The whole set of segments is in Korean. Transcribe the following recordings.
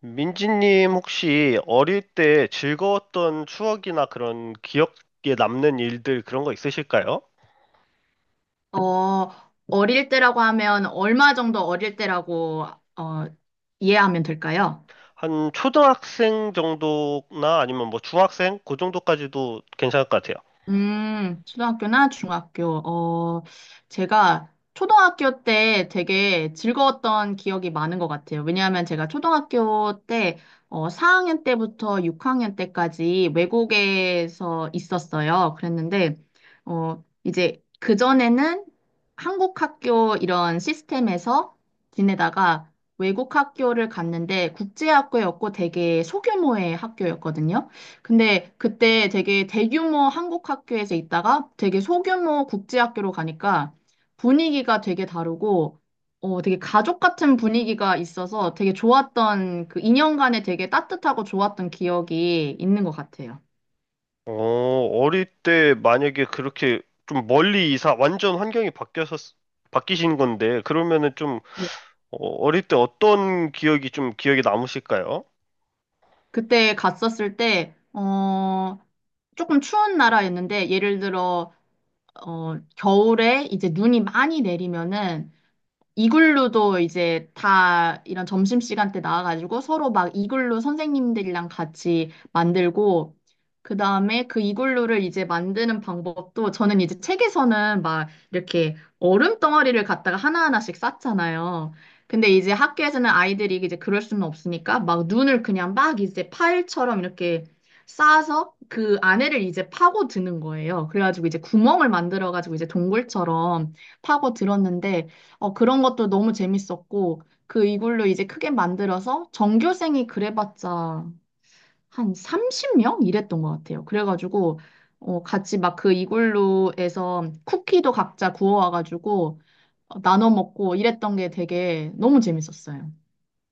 민지님, 혹시 어릴 때 즐거웠던 추억이나 그런 기억에 남는 일들, 그런 거 있으실까요? 어, 어릴 때라고 하면 얼마 정도 어릴 때라고 어, 이해하면 될까요? 한 초등학생 정도나 아니면 뭐 중학생? 그 정도까지도 괜찮을 것 같아요. 초등학교나 중학교. 제가 초등학교 때 되게 즐거웠던 기억이 많은 것 같아요. 왜냐하면 제가 초등학교 때, 4학년 때부터 6학년 때까지 외국에서 있었어요. 그랬는데, 이제 그전에는 한국 학교 이런 시스템에서 지내다가 외국 학교를 갔는데 국제학교였고 되게 소규모의 학교였거든요. 근데 그때 되게 대규모 한국 학교에서 있다가 되게 소규모 국제 학교로 가니까 분위기가 되게 다르고 되게 가족 같은 분위기가 있어서 되게 좋았던 그 2년간에 되게 따뜻하고 좋았던 기억이 있는 것 같아요. 어, 어릴 때 만약에 그렇게 좀 멀리 이사, 완전 환경이 바뀌어서, 바뀌신 건데, 그러면은 좀 네. 어, 어릴 때 어떤 기억이 좀 기억에 남으실까요? 그때 갔었을 때, 조금 추운 나라였는데, 예를 들어, 겨울에 이제 눈이 많이 내리면은 이글루도 이제 다 이런 점심시간 때 나와가지고 서로 막 이글루 선생님들이랑 같이 만들고, 그 다음에 그 이글루를 이제 만드는 방법도 저는 이제 책에서는 막 이렇게 얼음 덩어리를 갖다가 하나하나씩 쌌잖아요. 근데 이제 학교에서는 아이들이 이제 그럴 수는 없으니까 막 눈을 그냥 막 이제 파일처럼 이렇게 쌓아서 그 안에를 이제 파고 드는 거예요. 그래가지고 이제 구멍을 만들어가지고 이제 동굴처럼 파고 들었는데 그런 것도 너무 재밌었고, 그 이걸로 이제 크게 만들어서 전교생이 그래봤자 한 30명? 이랬던 것 같아요. 그래가지고, 같이 막 그 이글루에서 쿠키도 각자 구워와가지고 나눠 먹고 이랬던 게 되게 너무 재밌었어요.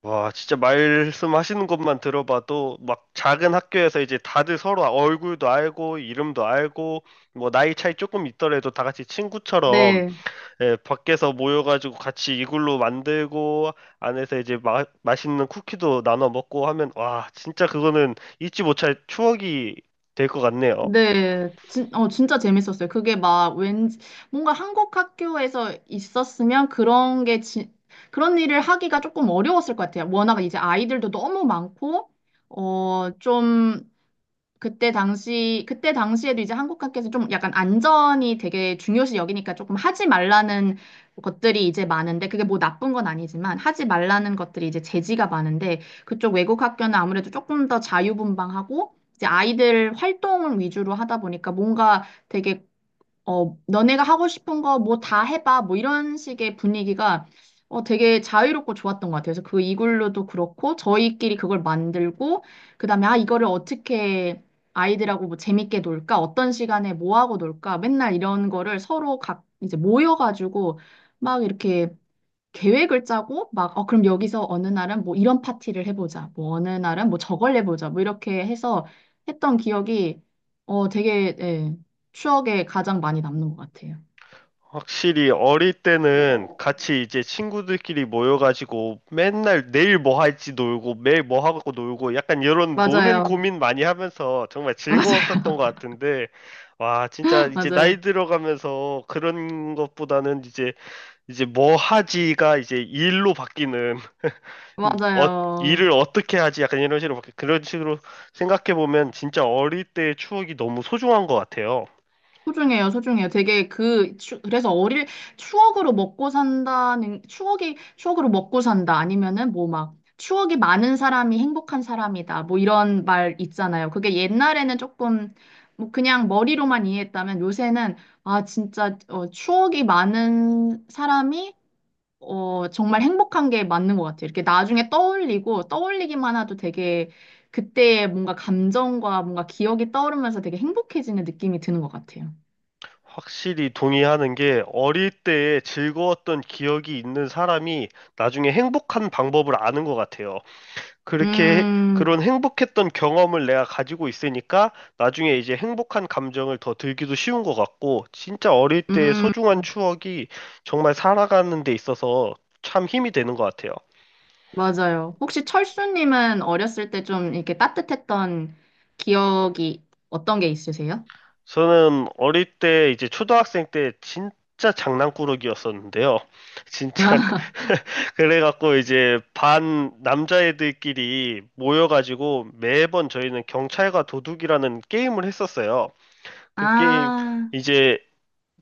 와, 진짜 말씀하시는 것만 들어봐도 막 작은 학교에서 이제 다들 서로 얼굴도 알고 이름도 알고, 뭐 나이 차이 조금 있더라도 다 같이 친구처럼, 네. 예, 밖에서 모여가지고 같이 이글루 만들고 안에서 이제 맛있는 쿠키도 나눠 먹고 하면, 와, 진짜 그거는 잊지 못할 추억이 될 것 같네요. 네, 진짜 재밌었어요. 그게 막 왠지, 뭔가 한국 학교에서 있었으면 그런 게, 그런 일을 하기가 조금 어려웠을 것 같아요. 워낙 이제 아이들도 너무 많고, 좀, 그때 당시에도 이제 한국 학교에서 좀 약간 안전이 되게 중요시 여기니까 조금 하지 말라는 것들이 이제 많은데, 그게 뭐 나쁜 건 아니지만, 하지 말라는 것들이 이제 제지가 많은데, 그쪽 외국 학교는 아무래도 조금 더 자유분방하고, 이제 아이들 활동을 위주로 하다 보니까 뭔가 되게 너네가 하고 싶은 거 뭐 다 해봐. 뭐 이런 식의 분위기가 되게 자유롭고 좋았던 것 같아요. 그래서 그 이글루도 그렇고 저희끼리 그걸 만들고 그다음에 아, 이거를 어떻게 아이들하고 뭐 재밌게 놀까? 어떤 시간에 뭐 하고 놀까? 맨날 이런 거를 서로 각 이제 모여가지고 막 이렇게 계획을 짜고 막, 그럼 여기서 어느 날은 뭐 이런 파티를 해보자. 뭐 어느 날은 뭐 저걸 해보자. 뭐 이렇게 해서 했던 기억이 되게, 예, 추억에 가장 많이 남는 것 같아요. 확실히 어릴 때는 같이 이제 친구들끼리 모여가지고 맨날 내일 뭐 할지 놀고 매일 뭐 하고 놀고 약간 이런 노는 맞아요. 고민 많이 하면서 정말 맞아요. 즐거웠었던 것 같은데, 와, 진짜 이제 맞아요. 나이 들어가면서 그런 것보다는 이제 이제 뭐 하지가 이제 일로 바뀌는 어, 맞아요. 일을 어떻게 하지 약간 이런 식으로 바뀌 그런 식으로 생각해 보면 진짜 어릴 때의 추억이 너무 소중한 것 같아요. 소중해요, 소중해요. 되게 그래서 추억으로 먹고 산다는, 추억으로 먹고 산다. 아니면은 뭐 막, 추억이 많은 사람이 행복한 사람이다. 뭐 이런 말 있잖아요. 그게 옛날에는 조금, 뭐 그냥 머리로만 이해했다면 요새는, 아, 진짜, 추억이 많은 사람이, 정말 행복한 게 맞는 것 같아요. 이렇게 나중에 떠올리고, 떠올리기만 해도 되게, 그때의 뭔가 감정과 뭔가 기억이 떠오르면서 되게 행복해지는 느낌이 드는 것 같아요. 확실히 동의하는 게, 어릴 때에 즐거웠던 기억이 있는 사람이 나중에 행복한 방법을 아는 것 같아요. 그렇게 음, 그런 행복했던 경험을 내가 가지고 있으니까 나중에 이제 행복한 감정을 더 들기도 쉬운 것 같고, 진짜 어릴 때의 음, 소중한 추억이 정말 살아가는 데 있어서 참 힘이 되는 것 같아요. 맞아요. 혹시 철수님은 어렸을 때 좀 이렇게 따뜻했던 기억이 어떤 게 있으세요? 저는 어릴 때 이제 초등학생 때 진짜 장난꾸러기였었는데요. 진짜 그- 그래갖고 이제 반 남자애들끼리 모여가지고 매번 저희는 경찰과 도둑이라는 게임을 했었어요. 그 게임 아, 이제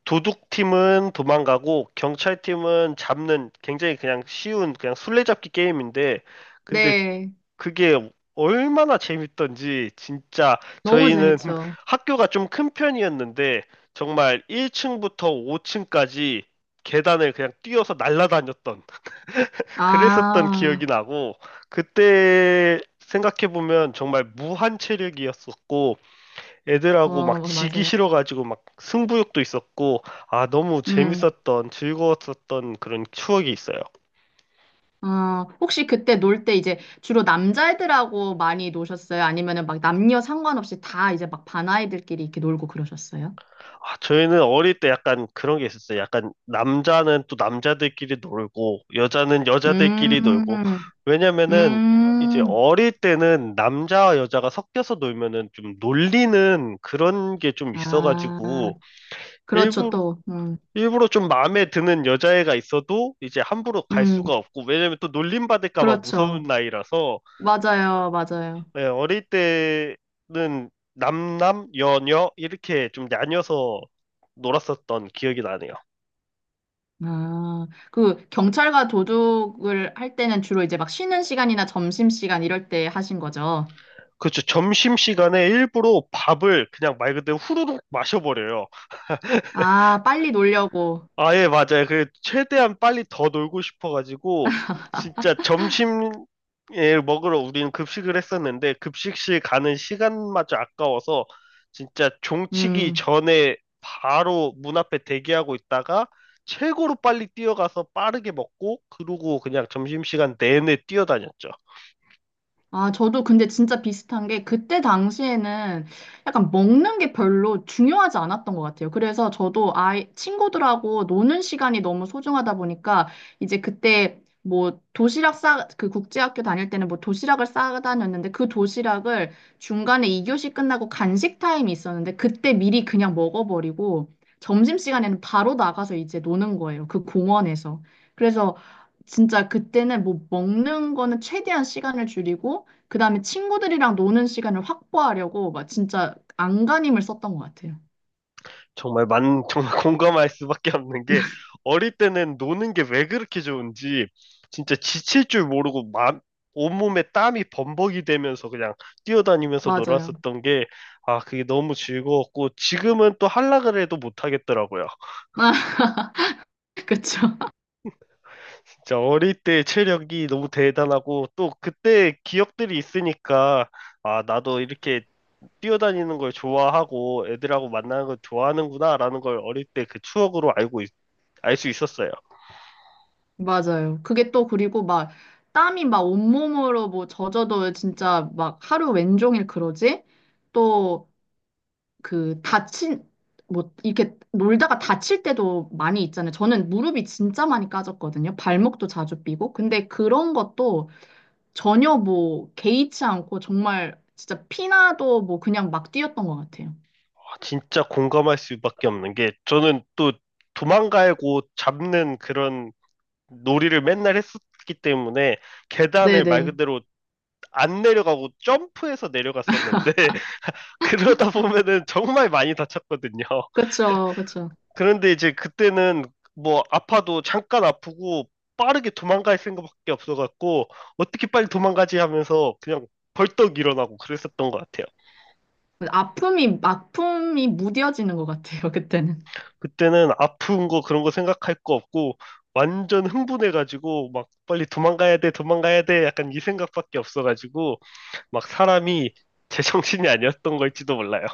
도둑팀은 도망가고 경찰팀은 잡는 굉장히 그냥 쉬운 그냥 술래잡기 게임인데, 근데 네. 그게 얼마나 재밌던지, 진짜 너무 저희는 재밌죠. 학교가 좀 큰 편이었는데 정말 1층부터 5층까지 계단을 그냥 뛰어서 날아다녔던, 그랬었던 기억이 아, 나고, 그때 생각해보면 정말 무한 체력이었었고, 애들하고 막 지기 맞아요. 싫어가지고 막 승부욕도 있었고, 아 너무 음, 재밌었던 즐거웠었던 그런 추억이 있어요. 혹시 그때 놀 때 이제 주로 남자애들하고 많이 노셨어요? 아니면은 막 남녀 상관없이 다 이제 막 반아이들끼리 이렇게 놀고 그러셨어요? 아, 저희는 어릴 때 약간 그런 게 있었어요. 약간 남자는 또 남자들끼리 놀고, 여자는 여자들끼리 놀고. 음, 왜냐면은 이제 음, 어릴 때는 남자와 여자가 섞여서 놀면은 좀 놀리는 그런 게 좀 아, 있어가지고, 그렇죠, 일부러, 또. 음. 일부러 좀 마음에 드는 여자애가 있어도 이제 함부로 갈 수가 음, 없고, 왜냐면 또 놀림 받을까 봐 그렇죠. 무서운 나이라서, 맞아요, 맞아요. 예, 어릴 때는 남남, 여녀 이렇게 좀 나뉘어서 놀았었던 기억이 나네요. 아, 그 경찰과 도둑을 할 때는 주로 이제 막 쉬는 시간이나 점심시간 이럴 때 하신 거죠. 그렇죠. 점심시간에 일부러 밥을 그냥 말 그대로 후루룩 마셔버려요. 아, 빨리 놀려고. 아, 예, 맞아요. 그, 최대한 빨리 더 놀고 싶어가지고, 진짜 점심에 먹으러 우리는 급식을 했었는데, 급식실 가는 시간마저 아까워서, 진짜 종치기 음. 전에 바로 문 앞에 대기하고 있다가 최고로 빨리 뛰어가서 빠르게 먹고, 그러고 그냥 점심시간 내내 뛰어다녔죠. 아, 저도 근데 진짜 비슷한 게 그때 당시에는 약간 먹는 게 별로 중요하지 않았던 것 같아요. 그래서 저도 친구들하고 노는 시간이 너무 소중하다 보니까 이제 그때 뭐 도시락 그 국제학교 다닐 때는 뭐 도시락을 싸 다녔는데 그 도시락을 중간에 2교시 끝나고 간식 타임이 있었는데 그때 미리 그냥 먹어버리고 점심시간에는 바로 나가서 이제 노는 거예요. 그 공원에서. 그래서 진짜 그때는 뭐 먹는 거는 최대한 시간을 줄이고 그다음에 친구들이랑 노는 시간을 확보하려고 막 진짜 안간힘을 썼던 것 같아요. 정말 만 정말 공감할 수밖에 없는 게, 어릴 때는 노는 게 왜 그렇게 좋은지, 진짜 지칠 줄 모르고, 온몸에 땀이 범벅이 되면서 그냥 뛰어다니면서 맞아요. 놀았었던 게, 아 그게 너무 즐거웠고, 지금은 또 하려 그래도 못 하겠더라고요. 아, 그쵸. 진짜 어릴 때 체력이 너무 대단하고, 또 그때 기억들이 있으니까 아 나도 이렇게 뛰어다니는 걸 좋아하고 애들하고 만나는 걸 좋아하는구나라는 걸 어릴 때 그 추억으로 알고, 알 수 있었어요. 맞아요. 그게 또 그리고 막 땀이 막 온몸으로 뭐 젖어도 진짜 막 하루 왼종일 그러지? 또 그 다친 뭐 이렇게 놀다가 다칠 때도 많이 있잖아요. 저는 무릎이 진짜 많이 까졌거든요. 발목도 자주 삐고. 근데 그런 것도 전혀 뭐 개의치 않고 정말 진짜 피나도 뭐 그냥 막 뛰었던 것 같아요. 아, 진짜 공감할 수밖에 없는 게, 저는 또 도망가고 잡는 그런 놀이를 맨날 했었기 때문에 계단을 말 네네. 그대로 안 내려가고 점프해서 내려갔었는데 그러다 보면은 정말 많이 다쳤거든요. 그쵸, 그쵸. 그런데 이제 그때는 뭐 아파도 잠깐 아프고 빠르게 도망갈 생각밖에 없어갖고 어떻게 빨리 도망가지 하면서 그냥 벌떡 일어나고 그랬었던 것 같아요. 아픔이 무뎌지는 것 같아요, 그때는. 그때는 아픈 거 그런 거 생각할 거 없고, 완전 흥분해가지고 막 빨리 도망가야 돼, 도망가야 돼, 약간 이 생각밖에 없어가지고 막 사람이 제정신이 아니었던 걸지도 몰라요.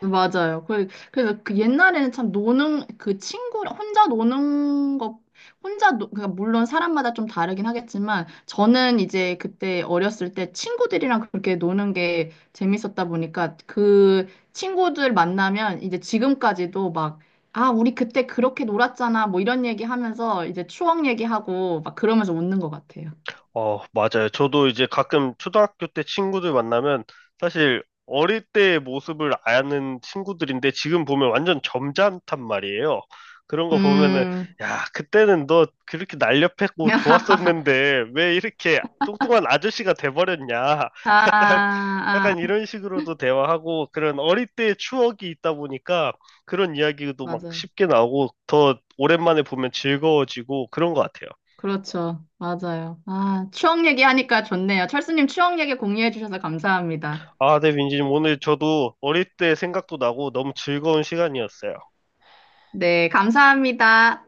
맞아요. 그래서 그 옛날에는 참 노는, 그 친구, 혼자 노는 것, 그러니까 물론 사람마다 좀 다르긴 하겠지만, 저는 이제 그때 어렸을 때 친구들이랑 그렇게 노는 게 재밌었다 보니까, 그 친구들 만나면 이제 지금까지도 막, 아, 우리 그때 그렇게 놀았잖아, 뭐 이런 얘기 하면서 이제 추억 얘기하고 막 그러면서 웃는 것 같아요. 어, 맞아요. 저도 이제 가끔 초등학교 때 친구들 만나면 사실 어릴 때의 모습을 아는 친구들인데 지금 보면 완전 점잖단 말이에요. 그런 거 보면은 음. 야, 그때는 너 그렇게 날렵했고 좋았었는데 왜 이렇게 뚱뚱한 아저씨가 돼버렸냐. 약간, 아, 아, 약간 이런 식으로도 대화하고, 그런 어릴 때의 추억이 있다 보니까 그런 이야기도 막 맞아요. 쉽게 나오고 더 오랜만에 보면 즐거워지고 그런 것 같아요. 그렇죠. 맞아요. 아, 추억 얘기하니까 좋네요. 철수님 추억 얘기 공유해 주셔서 감사합니다. 아, 네, 민지님, 오늘 저도 어릴 때 생각도 나고 너무 즐거운 시간이었어요. 네, 감사합니다.